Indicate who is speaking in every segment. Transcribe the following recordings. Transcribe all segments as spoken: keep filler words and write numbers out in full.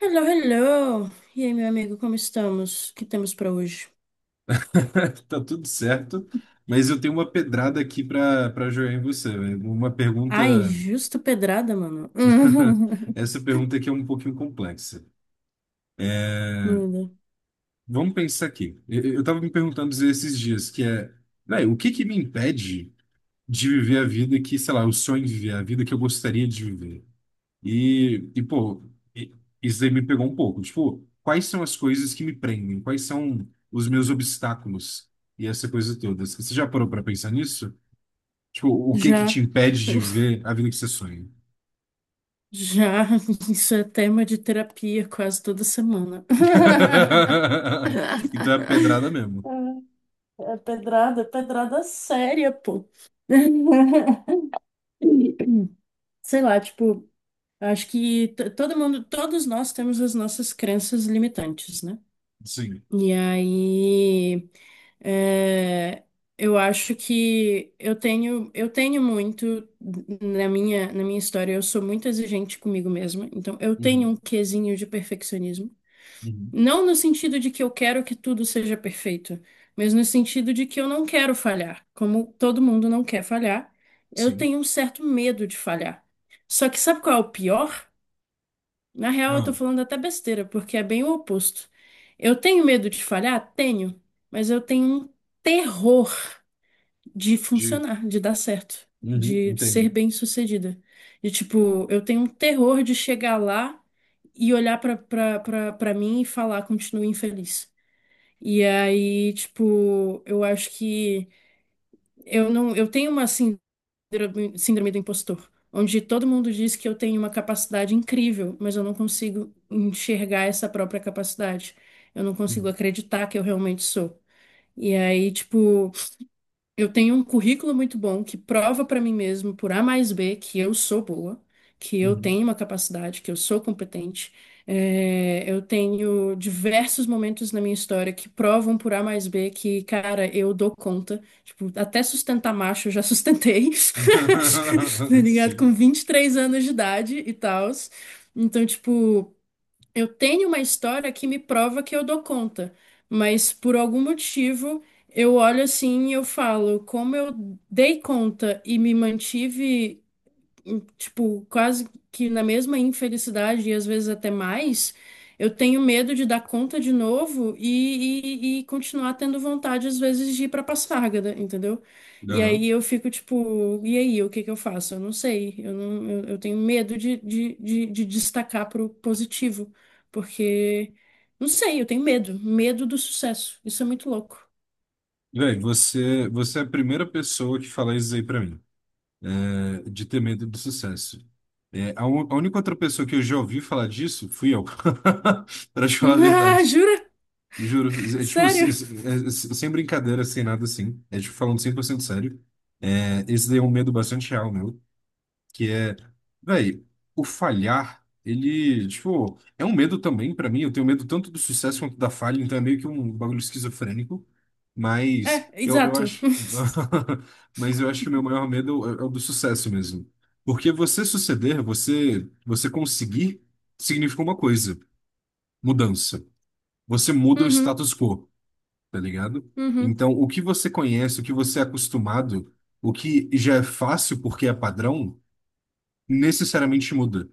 Speaker 1: Hello, hello! E aí, meu amigo, como estamos? O que temos pra hoje?
Speaker 2: Tá tudo certo, mas eu tenho uma pedrada aqui para para jogar em você, velho. Uma pergunta.
Speaker 1: Ai, justa pedrada, mano.
Speaker 2: Essa pergunta aqui é um pouquinho complexa. É,
Speaker 1: Manda.
Speaker 2: Vamos pensar aqui. Eu, eu tava me perguntando esses dias que é, velho, o que que me impede de viver a vida que, sei lá, eu sonho em viver, a vida que eu gostaria de viver? E, e pô, e- isso aí me pegou um pouco. Tipo, quais são as coisas que me prendem? Quais são os meus obstáculos? E essa coisa toda. Você já parou para pensar nisso? Tipo, o que que te
Speaker 1: Já,
Speaker 2: impede de ver a vida que você sonha?
Speaker 1: já, isso é tema de terapia quase toda semana.
Speaker 2: Então é pedrada mesmo.
Speaker 1: É pedrada, pedrada séria, pô. Sei lá, tipo, acho que t- todo mundo, todos nós temos as nossas crenças limitantes, né?
Speaker 2: Sim.
Speaker 1: E aí, é, eu acho que eu tenho, eu tenho muito na minha, na minha história, eu sou muito exigente comigo mesma, então eu tenho um
Speaker 2: Uhum,
Speaker 1: quesinho de perfeccionismo.
Speaker 2: uhum.
Speaker 1: Não no sentido de que eu quero que tudo seja perfeito, mas no sentido de que eu não quero falhar. Como todo mundo não quer falhar, eu
Speaker 2: Sim.
Speaker 1: tenho um certo medo de falhar. Só que sabe qual é o pior? Na real, eu tô
Speaker 2: Não.
Speaker 1: falando até besteira, porque é bem o oposto. Eu tenho medo de falhar? Tenho, mas eu tenho um terror de
Speaker 2: De...
Speaker 1: funcionar, de dar certo,
Speaker 2: Uhum,
Speaker 1: de ser
Speaker 2: entendo.
Speaker 1: bem-sucedida. De tipo, eu tenho um terror de chegar lá e olhar pra, pra, pra, pra mim e falar, continue infeliz. E aí, tipo, eu acho que eu não, eu tenho uma assim síndrome, síndrome do impostor, onde todo mundo diz que eu tenho uma capacidade incrível, mas eu não consigo enxergar essa própria capacidade. Eu não consigo
Speaker 2: Uhum,
Speaker 1: acreditar que eu realmente sou. E aí, tipo, eu tenho um currículo muito bom que prova para mim mesmo, por A mais B, que eu sou boa, que eu
Speaker 2: uhum.
Speaker 1: tenho uma capacidade, que eu sou competente. É, eu tenho diversos momentos na minha história que provam por A mais B que, cara, eu dou conta. Tipo, até sustentar macho eu já sustentei, tá ligado? Com
Speaker 2: Sim.
Speaker 1: vinte e três anos de idade e tal. Então, tipo. Eu tenho uma história que me prova que eu dou conta, mas por algum motivo eu olho assim e eu falo, como eu dei conta e me mantive em- tipo, quase que na mesma infelicidade e às vezes até mais, eu tenho medo de dar conta de novo e, e, e continuar tendo vontade às vezes de ir pra Passárgada, entendeu? E aí
Speaker 2: Uhum.
Speaker 1: eu fico tipo, e aí, o que que eu faço? Eu não sei, eu não, eu, eu tenho medo de, de, de, de destacar pro positivo, porque, não sei, eu tenho medo, medo do sucesso, isso é muito louco.
Speaker 2: Véi, você, você é a primeira pessoa que fala isso aí pra mim, é, de ter medo do sucesso. É, a, un- a única outra pessoa que eu já ouvi falar disso fui eu, pra te falar a
Speaker 1: Ah,
Speaker 2: verdade.
Speaker 1: jura?
Speaker 2: Juro, é, tipo, se-
Speaker 1: Sério?
Speaker 2: se- é, se- sem brincadeira, sem nada assim. É tipo, falando cem por cento sério. É, esse daí é um medo bastante real, meu. Que é, véi, o falhar, ele, tipo, é um medo também pra mim. Eu tenho medo tanto do sucesso quanto da falha, então é meio que um bagulho esquizofrênico.
Speaker 1: É,
Speaker 2: Mas eu, eu
Speaker 1: exato.
Speaker 2: acho. Mas eu acho que o meu maior medo é, é, o do sucesso mesmo. Porque você suceder, você, você conseguir, significa uma coisa: mudança. Você muda o
Speaker 1: Uhum,
Speaker 2: status quo, tá ligado?
Speaker 1: uhum,
Speaker 2: Então, o que você conhece, o que você é acostumado, o que já é fácil porque é padrão, necessariamente muda,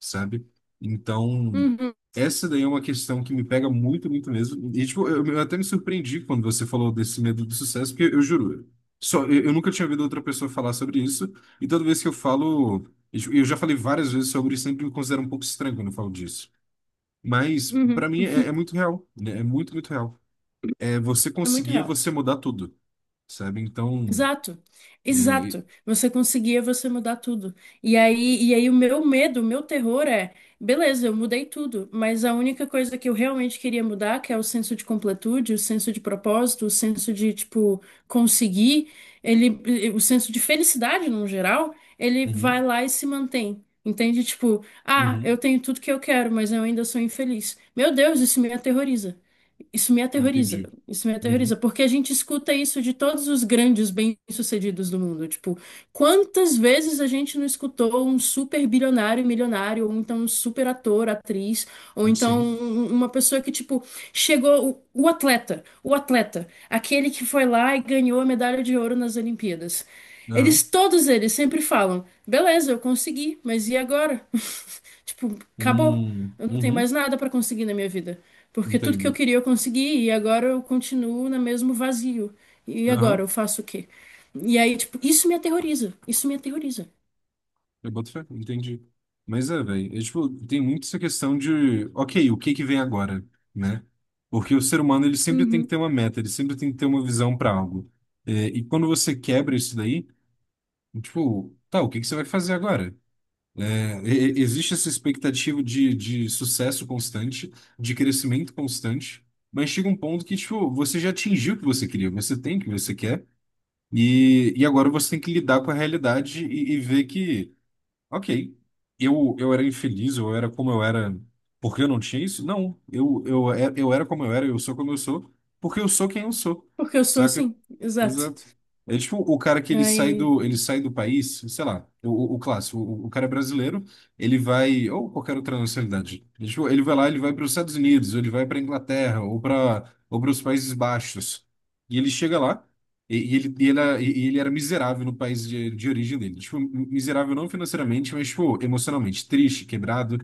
Speaker 2: sabe? Então,
Speaker 1: uhum.
Speaker 2: essa daí é uma questão que me pega muito, muito mesmo. E, tipo, eu, eu até me surpreendi quando você falou desse medo do sucesso, porque eu juro, só, eu, eu nunca tinha ouvido outra pessoa falar sobre isso, e toda vez que eu falo, e, tipo, eu já falei várias vezes sobre isso, sempre me considero um pouco estranho quando eu falo disso. Mas,
Speaker 1: Uhum.
Speaker 2: pra mim, é, é, muito real, né? É muito, muito real. É você
Speaker 1: É muito
Speaker 2: conseguir, é
Speaker 1: real.
Speaker 2: você mudar tudo, sabe? Então,
Speaker 1: Exato,
Speaker 2: é,
Speaker 1: exato. Você conseguia, você mudar tudo. E aí, e aí o meu medo, o meu terror é, beleza, eu mudei tudo, mas a única coisa que eu realmente queria mudar, que é o senso de completude, o senso de propósito, o senso de, tipo, conseguir, ele, eh, o senso de felicidade no geral, ele
Speaker 2: uhum,
Speaker 1: vai lá e se mantém. Entende? Tipo, ah,
Speaker 2: uhum,
Speaker 1: eu tenho tudo que eu quero, mas eu ainda sou infeliz. Meu Deus, isso me aterroriza. Isso me aterroriza,
Speaker 2: entendi.
Speaker 1: isso me
Speaker 2: Uhum,
Speaker 1: aterroriza, porque a gente escuta isso de todos os grandes bem-sucedidos do mundo. Tipo, quantas vezes a gente não escutou um super bilionário, milionário, ou então um super ator, atriz, ou então
Speaker 2: sim,
Speaker 1: um- uma pessoa que, tipo, chegou, o, o atleta, o atleta, aquele que foi lá e ganhou a medalha de ouro nas Olimpíadas. Eles,
Speaker 2: aham,
Speaker 1: todos eles, sempre falam: beleza, eu consegui, mas e agora? Tipo, acabou.
Speaker 2: hum,
Speaker 1: Eu não tenho mais
Speaker 2: uhum,
Speaker 1: nada pra conseguir na minha vida, porque tudo que eu
Speaker 2: entendo.
Speaker 1: queria eu consegui e agora eu continuo no mesmo vazio. E agora
Speaker 2: Aham,
Speaker 1: eu faço o quê? E aí, tipo, isso me aterroriza. Isso me aterroriza.
Speaker 2: eu boto fé, entendi. Mas é, velho, é, tipo, tem muito essa questão de, ok, o que que vem agora, né? Porque o ser humano, ele sempre tem que
Speaker 1: Uhum.
Speaker 2: ter uma meta, ele sempre tem que ter uma visão para algo. É, e quando você quebra isso daí, tipo, tá, o que que você vai fazer agora? É, e- e- existe essa expectativa de, de sucesso constante, de crescimento constante, mas chega um ponto que, tipo, você já atingiu o que você queria, você tem o que você quer, e, e agora você tem que lidar com a realidade e, e ver que, ok, Eu, eu era infeliz, eu era como eu era porque eu não tinha isso? Não. Eu, eu, é- eu era como eu era, eu sou como eu sou, porque eu sou quem eu sou.
Speaker 1: Porque eu sou
Speaker 2: Saca?
Speaker 1: assim, exato.
Speaker 2: Exato. É tipo o cara que ele sai
Speaker 1: Aí,
Speaker 2: do, ele sai do país, sei lá, o, o o clássico, o, o cara é brasileiro, ele vai, ou qualquer outra nacionalidade, ele, tipo, ele vai lá, ele vai para os Estados Unidos, ou ele vai para Inglaterra, ou para ou para os Países Baixos, e ele chega lá, e, e ele, e, ela e e ele era miserável no país de, de origem dele. Tipo, miserável não financeiramente, mas, tipo, emocionalmente. Triste, quebrado.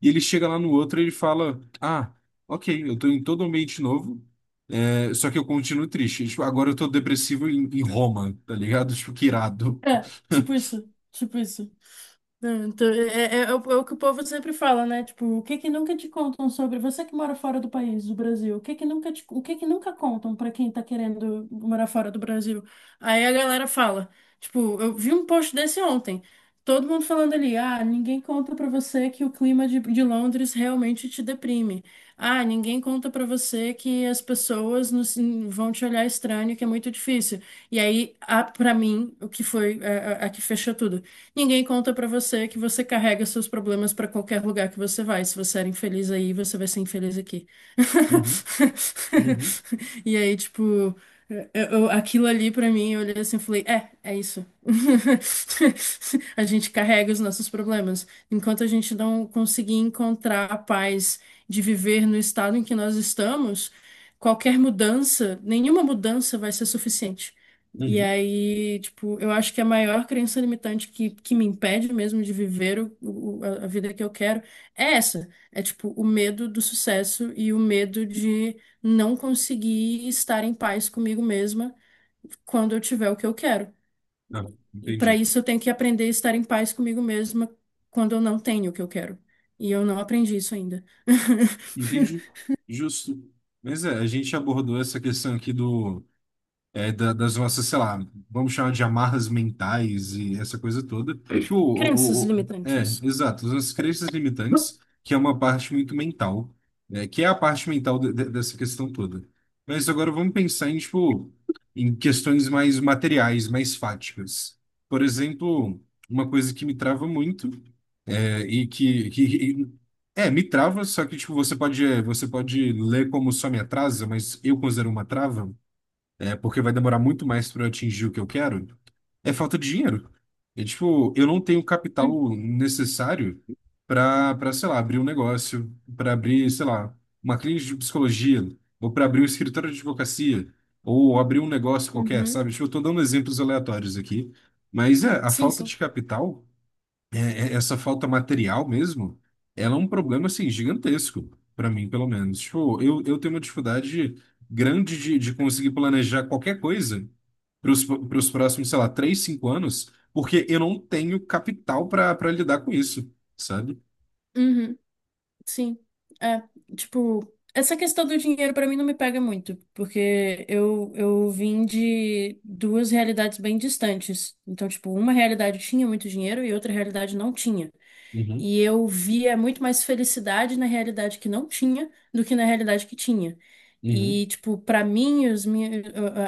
Speaker 2: E ele chega lá no outro e ele fala: Ah, ok, eu tô em todo ambiente novo, é, só que eu continuo triste. Tipo, agora eu tô depressivo em, em Roma, tá ligado? Tipo, que irado.
Speaker 1: é, tipo isso, tipo isso. Não, então, é, é, é é o é o que o povo sempre fala, né? Tipo, o que que nunca te contam sobre você que mora fora do país, do Brasil? O que que nunca te- o que que nunca contam pra quem tá querendo morar fora do Brasil? Aí a galera fala, tipo, eu vi um post desse ontem, todo mundo falando ali, ah, ninguém conta pra você que o clima de, de Londres realmente te deprime. Ah, ninguém conta pra você que as pessoas nos- vão te olhar estranho, que é muito difícil. E aí, a, para mim, o que foi a, a a que fechou tudo. Ninguém conta pra você que você carrega seus problemas pra qualquer lugar que você vai. Se você era infeliz aí, você vai ser infeliz aqui.
Speaker 2: Uhum, uhum,
Speaker 1: E aí, tipo, eu- eu- aquilo ali pra mim, eu olhei assim e falei: é, é isso. A gente carrega os nossos problemas. Enquanto a gente não conseguir encontrar a paz de viver no estado em que nós estamos, qualquer mudança, nenhuma mudança vai ser suficiente. E
Speaker 2: uhum.
Speaker 1: aí, tipo, eu acho que a maior crença limitante que, que me impede mesmo de viver o, o- a a vida que eu quero é essa. É, tipo, o medo do sucesso e o medo de não conseguir estar em paz comigo mesma quando eu tiver o que eu quero.
Speaker 2: Ah,
Speaker 1: E para
Speaker 2: entendi.
Speaker 1: isso eu tenho que aprender a estar em paz comigo mesma quando eu não tenho o que eu quero. E eu não aprendi isso ainda.
Speaker 2: Entendi. Justo. Mas é, a gente abordou essa questão aqui do. É, da- das nossas, sei lá, vamos chamar de amarras mentais e essa coisa toda. Tipo,
Speaker 1: Crenças
Speaker 2: o, o- o- é,
Speaker 1: limitantes.
Speaker 2: exato, as nossas crenças limitantes, que é uma parte muito mental, né, que é a parte mental de- de- dessa questão toda. Mas agora vamos pensar em, tipo, em questões mais materiais, mais fáticas. Por exemplo, uma coisa que me trava muito, é, e que, que- é, me trava, só que, tipo, você pode, é, você pode ler como só me atrasa, mas eu considero uma trava, é, porque vai demorar muito mais para eu atingir o que eu quero, é falta de dinheiro. É tipo, eu não tenho capital necessário para, para, sei lá, abrir um negócio, para abrir, sei lá, uma clínica de psicologia, ou para abrir um escritório de advocacia, ou abrir um negócio qualquer,
Speaker 1: Uhum.
Speaker 2: sabe? Tipo, eu tô dando exemplos aleatórios aqui, mas é, a
Speaker 1: Sim,
Speaker 2: falta
Speaker 1: sim.
Speaker 2: de capital é- é- essa falta material mesmo, ela é um problema assim gigantesco para mim, pelo menos. Tipo, eu, eu tenho uma dificuldade grande de, de, conseguir planejar qualquer coisa para os próximos, sei lá, três cinco anos, porque eu não tenho capital para para lidar com isso, sabe?
Speaker 1: Uhum. Sim, é, tipo, essa questão do dinheiro pra mim não me pega muito, porque eu, eu vim de duas realidades bem distantes. Então, tipo, uma realidade tinha muito dinheiro e outra realidade não tinha.
Speaker 2: Uhum,
Speaker 1: E eu via muito mais felicidade na realidade que não tinha do que na realidade que tinha.
Speaker 2: uhum,
Speaker 1: E, tipo, pra mim, os minha,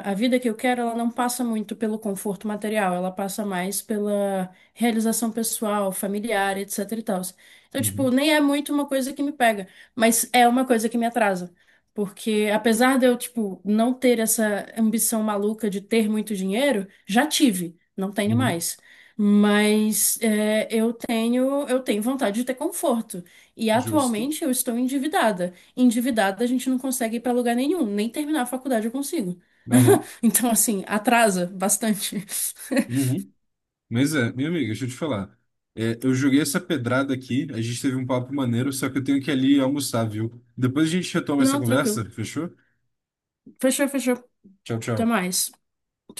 Speaker 1: a a vida que eu quero, ela não passa muito pelo conforto material, ela passa mais pela realização pessoal, familiar, etc e tal. Então, tipo,
Speaker 2: uhum,
Speaker 1: nem é muito uma coisa que me pega, mas é uma coisa que me atrasa. Porque apesar de eu, tipo, não ter essa ambição maluca de ter muito dinheiro, já tive, não tenho
Speaker 2: uhum.
Speaker 1: mais. Mas é, eu tenho eu tenho vontade de ter conforto. E
Speaker 2: Justo.
Speaker 1: atualmente eu estou endividada. Endividada a gente não consegue ir para lugar nenhum, nem terminar a faculdade eu consigo.
Speaker 2: Aham,
Speaker 1: Então, assim, atrasa bastante.
Speaker 2: uhum. Mas é, minha amiga, deixa eu te falar. É, eu joguei essa pedrada aqui, a gente teve um papo maneiro, só que eu tenho que ir ali almoçar, viu? Depois a gente retoma essa
Speaker 1: Não,
Speaker 2: conversa,
Speaker 1: tranquilo.
Speaker 2: fechou?
Speaker 1: Fechou, fechou.
Speaker 2: Tchau,
Speaker 1: Até
Speaker 2: tchau.
Speaker 1: mais.